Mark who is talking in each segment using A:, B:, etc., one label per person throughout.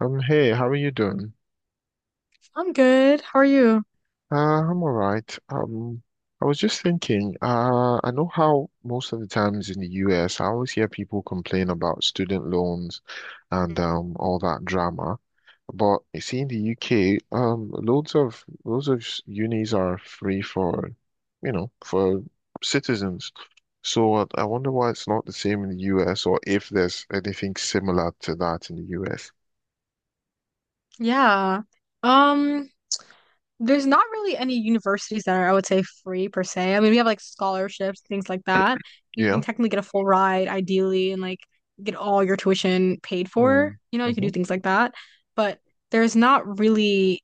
A: Hey, how are you doing?
B: I'm good. How are you?
A: Uh, I'm all right. I was just thinking, I know how most of the times in the US, I always hear people complain about student loans and
B: Mm.
A: all that drama. But you see in the UK, loads of unis are free for, for citizens. So I wonder why it's not the same in the US or if there's anything similar to that in the US.
B: Yeah. Um, there's not really any universities that are, I would say, free per se. I mean, we have like scholarships, things like that. You can
A: Yeah.
B: technically get a full ride, ideally, and like get all your tuition paid for.
A: Mm.
B: You know, you can
A: Hmm.
B: do things like that. But there's not really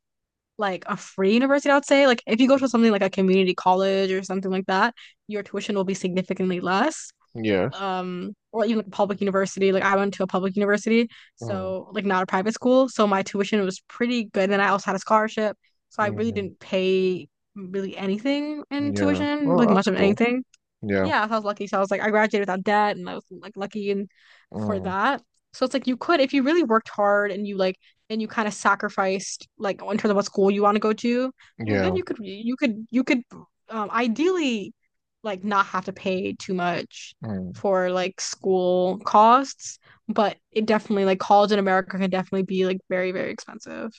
B: like a free university, I would say. Like if you go to something like a community college or something like that, your tuition will be significantly less.
A: Yes.
B: Or even like a public university. Like I went to a public university,
A: Mm.
B: so like not a private school. So my tuition was pretty good. And then I also had a scholarship. So I really
A: Mm,
B: didn't pay really anything in
A: yeah.
B: tuition,
A: Oh,
B: like much
A: that's
B: of
A: cool.
B: anything.
A: Yeah.
B: Yeah, I was lucky. So I was like, I graduated without debt and I was like lucky and for
A: Mm,
B: that. So it's like you could, if you really worked hard and you like and you kind of sacrificed like in terms of what school you want to go to, well, then
A: yeah.
B: you could ideally like not have to pay too much
A: Mm,
B: for like school costs, but it definitely like college in America can definitely be like very, very expensive.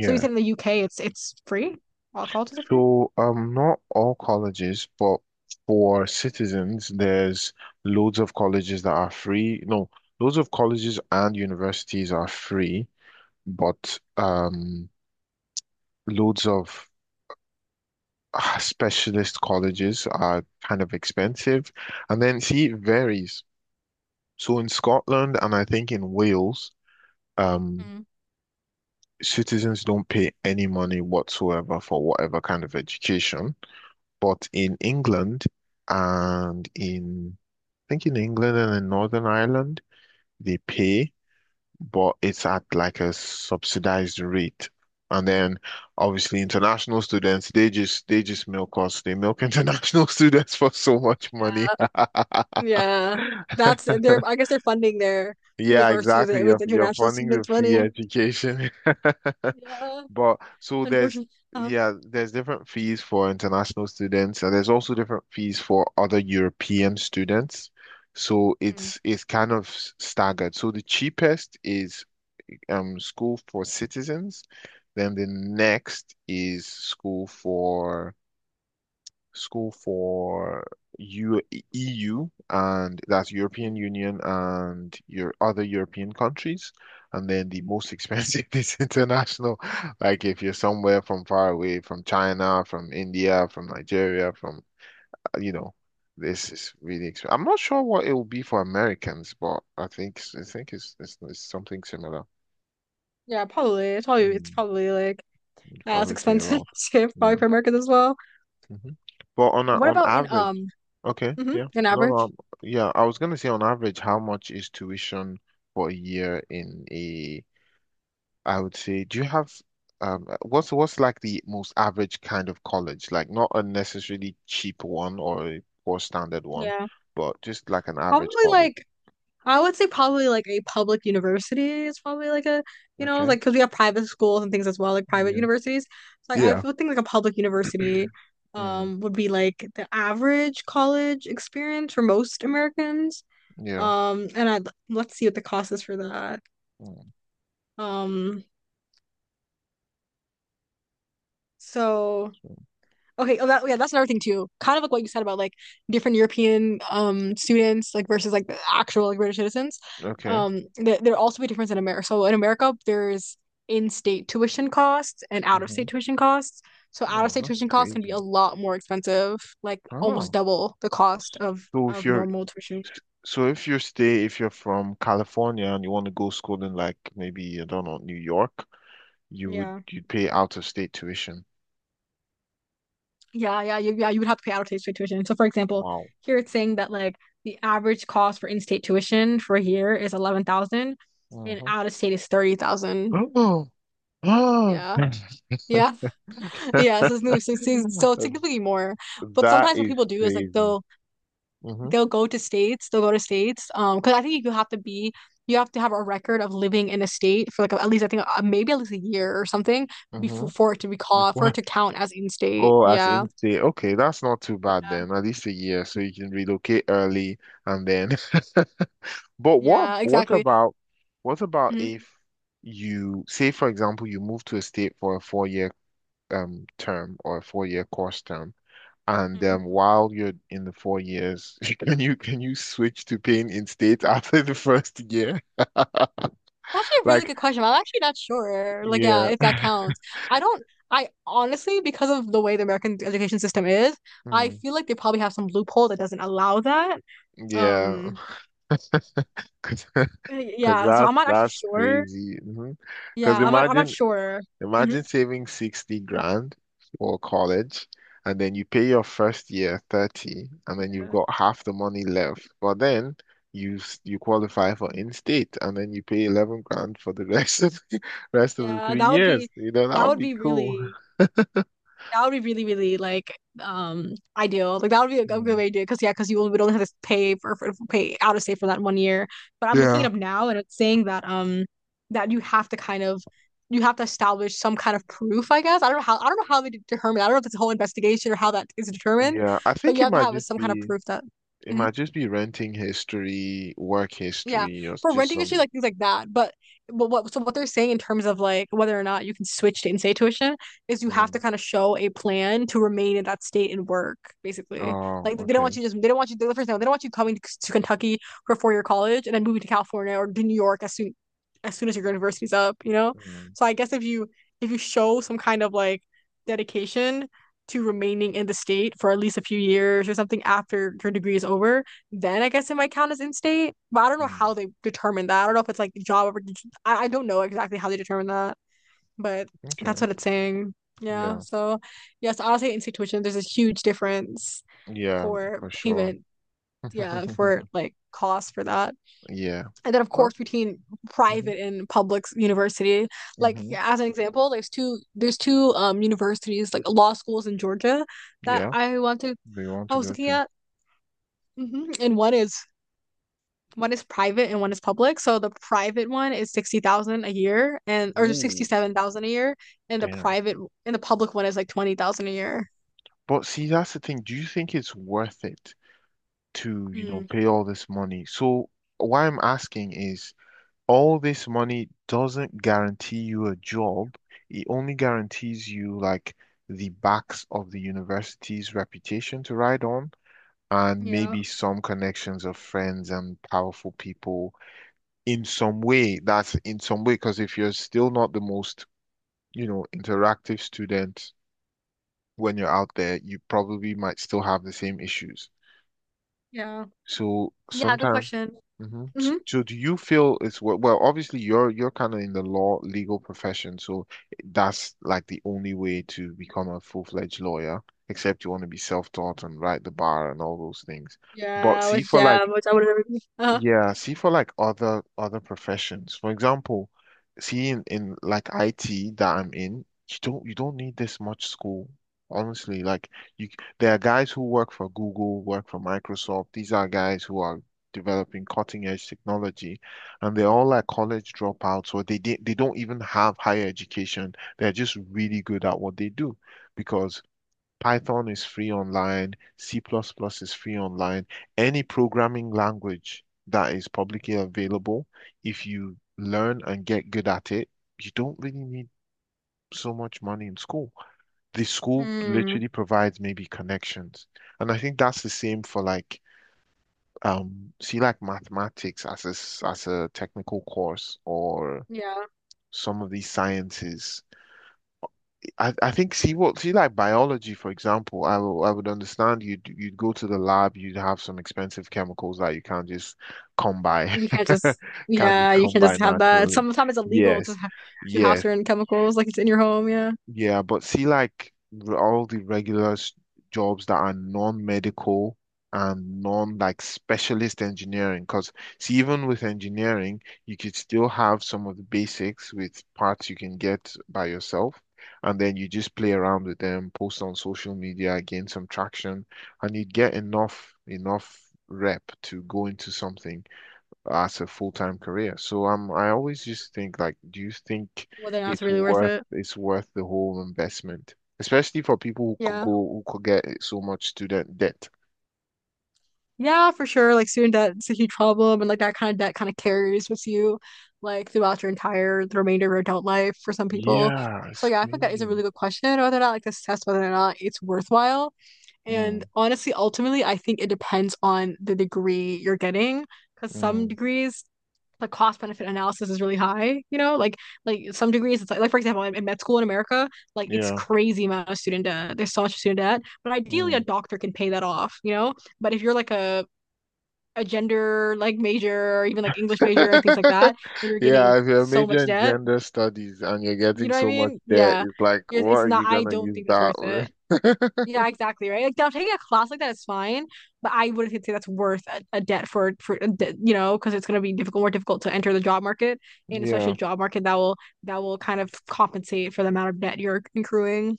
B: So you said in the UK it's free? All colleges are free?
A: So, not all colleges, but for citizens, there's loads of colleges that are free. No, loads of colleges and universities are free, but loads of ah, specialist colleges are kind of expensive. And then, see, it varies. So in Scotland and I think in Wales, um, citizens don't pay any money whatsoever for whatever kind of education. But in England and in, Northern Ireland, they pay, but it's at like a subsidized rate. And then obviously international students, they just milk us. They milk international students for so much money.
B: Yeah, that's they're I guess they're funding their
A: Yeah,
B: universities
A: exactly.
B: with
A: You're
B: international
A: funding the
B: students'
A: free
B: money.
A: education.
B: Yeah,
A: But
B: unfortunately.
A: there's different fees for international students, and there's also different fees for other European students. So
B: Hmm.
A: it's kind of staggered. So the cheapest is school for citizens, then the next is school for School for U EU, and that's European
B: Hmm.
A: Union and your other European countries. And then the most expensive is international. Like if you're somewhere from far away, from China, from India, from Nigeria, from, you know, this is really expensive. I'm not sure what it will be for Americans, but I think it's something similar.
B: Yeah, probably. It's probably it's
A: Mm,
B: probably like
A: you
B: as
A: probably pay a
B: expensive
A: lot.
B: as
A: Yeah.
B: probably for Americans as well.
A: Hmm. But on
B: What
A: on
B: about in
A: average, okay,
B: mm-hmm,
A: yeah.
B: in
A: No, no.
B: average?
A: I'm- Yeah, I was gonna say on average, how much is tuition for a year in a, I would say, do you have what's like the most average kind of college? Like not a necessarily cheap one or a poor standard one,
B: Yeah,
A: but just like an average
B: probably
A: college.
B: like I would say probably like a public university is probably like a, you know,
A: Okay.
B: like because we have private schools and things as well, like private
A: Yeah.
B: universities. So like I
A: Yeah.
B: would think like a public university
A: Mm,
B: would be like the average college experience for most Americans.
A: yeah.
B: And I Let's see what the cost is for that.
A: Mm,
B: Um so Okay, oh that's another thing too. Kind of like what you said about like different European students like versus like the actual like British citizens.
A: okay.
B: Th There also be difference in America. So in America there's in-state tuition costs and
A: Hmm.
B: out-of-state tuition costs. So
A: Oh,
B: out-of-state
A: that's
B: tuition costs can be
A: crazy.
B: a lot more expensive, like almost
A: Oh.
B: double the cost of
A: So if
B: of
A: you're
B: normal tuition.
A: So if you stay, if you're from California and you want to go school in like maybe, I don't know, New York,
B: Yeah.
A: you'd pay out of state tuition.
B: Yeah. You would have to pay out of state tuition. So, for example,
A: Wow.
B: here it's saying that like the average cost for in-state tuition for here is 11,000, and
A: Hmm.
B: out of state is 30,000.
A: Oh.
B: Yeah, yeah, yeah. So it's new. So it's significantly more. But
A: That
B: sometimes what
A: is
B: people do is like
A: crazy.
B: they'll
A: Mm-hmm.
B: they'll go to states. They'll go to states. Because I think you have to have a record of living in a state for like at least I think maybe at least a year or something
A: Mm-hmm.
B: before for it to be called for
A: Before
B: it to count as in-state.
A: Oh, as
B: Yeah,
A: in state. Okay, that's not too bad
B: yeah,
A: then. At least a year, so you can relocate early and then But
B: yeah.
A: what
B: Exactly.
A: about if you say, for example, you move to a state for a four-year term or a four-year course term, and
B: Mhm.
A: while you're in the 4 years, can you switch to paying in state after the first year?
B: That's actually a really
A: Like,
B: good question. I'm actually not sure. Like, yeah,
A: yeah,
B: if that counts. I don't, I honestly, because of the way the American education system is, I
A: mm,
B: feel like they probably have some loophole that doesn't allow that.
A: yeah,
B: Um,
A: because
B: yeah, so
A: that's
B: I'm not actually
A: that's
B: sure.
A: crazy. Because
B: Yeah, I'm not
A: imagine
B: sure. Hmm.
A: Imagine saving 60 grand for college, and then you pay your first year 30, and then you've got half the money left. But then you you qualify for in-state, and then you pay 11 grand for the rest of the rest of the
B: Yeah,
A: three
B: that would
A: years.
B: be,
A: You know, that
B: that
A: would
B: would
A: be
B: be
A: cool.
B: really That would be really, really like ideal. Like that would be a good
A: Hmm.
B: way to do it because yeah, because you would only have to pay for, pay out of state for that one year. But I'm looking
A: Yeah.
B: it up now and it's saying that that you have to you have to establish some kind of proof, I guess. I don't know how they determine. I don't know if it's a whole investigation or how that is determined,
A: Yeah, I
B: but
A: think
B: you
A: it
B: have to
A: might
B: have
A: just
B: some kind of
A: be
B: proof that.
A: it
B: Mhm.
A: might just be renting history, work
B: Yeah,
A: history, or
B: for
A: just
B: renting issue,
A: some.
B: like things like that. But what so what they're saying in terms of like whether or not you can switch to in-state tuition is you have
A: Mm.
B: to kind of show a plan to remain in that state and work, basically.
A: Oh,
B: Like
A: okay.
B: they don't want you the first thing they don't want you coming to Kentucky for four-year college and then moving to California or to New York as soon as your university's up, you know?
A: Mm,
B: So I guess if you show some kind of like dedication to remaining in the state for at least a few years or something after your degree is over then I guess it might count as in state. But I don't know
A: mm.
B: how they determine that. I don't know if it's like job or I don't know exactly how they determine that, but that's
A: Okay.
B: what it's saying. Yeah.
A: Yeah.
B: So yes, I'll say in state tuition, there's a huge difference
A: Yeah,
B: for
A: for sure.
B: payment. Yeah, for like cost for that.
A: Yeah.
B: And then of
A: Well,
B: course between
A: hmm,
B: private and public university. Like
A: hmm,
B: as an example, there's two universities, like law schools in Georgia that
A: yeah,
B: I want to
A: they want
B: I
A: to
B: was
A: go
B: looking
A: to.
B: at. Mm-hmm. And one is private and one is public. So the private one is 60,000 a year and or sixty
A: Ooh,
B: seven thousand a year, and the
A: damn.
B: private and the public one is like 20,000 a year.
A: But see, that's the thing. Do you think it's worth it to,
B: Mm.
A: pay all this money? So why I'm asking is all this money doesn't guarantee you a job. It only guarantees you like the backs of the university's reputation to ride on and
B: Yeah,
A: maybe some connections of friends and powerful people in some way. That's in some way, because if you're still not the most, interactive student when you're out there, you probably might still have the same issues.
B: yeah,
A: So
B: yeah. Good
A: sometimes,
B: question.
A: hmm,
B: Mm-hmm.
A: so do you feel it's well, obviously you're kind of in the law legal profession, so that's like the only way to become a full-fledged lawyer, except you want to be self-taught and write the bar and all those things. But see, for
B: Yeah,
A: like
B: which I would never be. Uh-huh.
A: Yeah, see for like other professions. For example, see in, like IT that I'm in, you don't need this much school. Honestly, like there are guys who work for Google, work for Microsoft. These are guys who are developing cutting edge technology and they're all like college dropouts or they don't even have higher education. They're just really good at what they do because Python is free online. C++ plus plus is free online. Any programming language that is publicly available, if you learn and get good at it, you don't really need so much money in school. The school
B: Mm.
A: literally provides maybe connections. And I think that's the same for like see like mathematics as a as a technical course or
B: Yeah,
A: some of these sciences. I think see like biology, for example, I would understand you'd go to the lab, you'd have some expensive chemicals that you can't just come by,
B: you can't just
A: can't just
B: yeah, you
A: come
B: can't
A: by
B: just have that.
A: naturally.
B: Sometimes it's illegal
A: Yes,
B: to have
A: yes.
B: certain chemicals like it's in your home. Yeah.
A: Yeah, but see, like r- all the regular jobs that are non-medical and non like specialist engineering, because see, even with engineering, you could still have some of the basics with parts you can get by yourself, and then you just play
B: Mm.
A: around with them, post on social media, gain some traction, and you'd get enough rep to go into something as a full-time career. So I always just think like, do you think
B: Whether or not it's really worth it.
A: it's worth the whole investment, especially for people who could
B: Yeah.
A: go who could get so much student debt?
B: Yeah, for sure. Like student debt is a huge problem, and like that kind of debt kind of carries with you, like throughout your entire the remainder of your adult life for some people.
A: Yeah,
B: So
A: it's
B: yeah, I think that is a
A: crazy.
B: really good question whether or not like to assess whether or not it's worthwhile. And
A: Mm,
B: honestly, ultimately, I think it depends on the degree you're getting, because some
A: mm,
B: degrees the cost benefit analysis is really high. You know, like some degrees it's like for example, in med school in America, like it's
A: yeah.
B: crazy amount of student debt. There's so much student debt, but ideally a
A: Mm.
B: doctor can pay that off. You know, but if you're like a gender like major or even like English major and things like that, and you're getting
A: Yeah, if you're
B: so much
A: majoring in
B: debt.
A: gender studies and you're
B: You
A: getting
B: know what I
A: so much
B: mean?
A: debt,
B: Yeah.
A: it's like,
B: It's
A: what
B: it's
A: are
B: not,
A: you
B: I
A: gonna
B: don't
A: use
B: think that's
A: that
B: worth it.
A: with?
B: Yeah, exactly, right? Like now taking a class like that is fine, but I wouldn't say that's worth a debt for a de you know, because it's gonna be difficult, more difficult to enter the job market, and especially
A: Yeah.
B: a job market that will kind of compensate for the amount of debt you're accruing.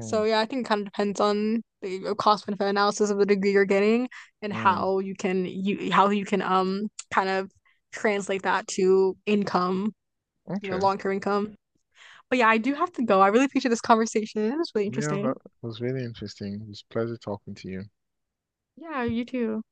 B: So yeah, I think it kind of depends on the cost benefit analysis of the degree you're getting and
A: mm.
B: how you can you how you can kind of translate that to income, you know,
A: Okay.
B: long-term income. But yeah, I do have to go. I really appreciate this conversation. It was really
A: Yeah,
B: interesting.
A: that was really interesting. It was a pleasure talking to you.
B: Yeah, you too.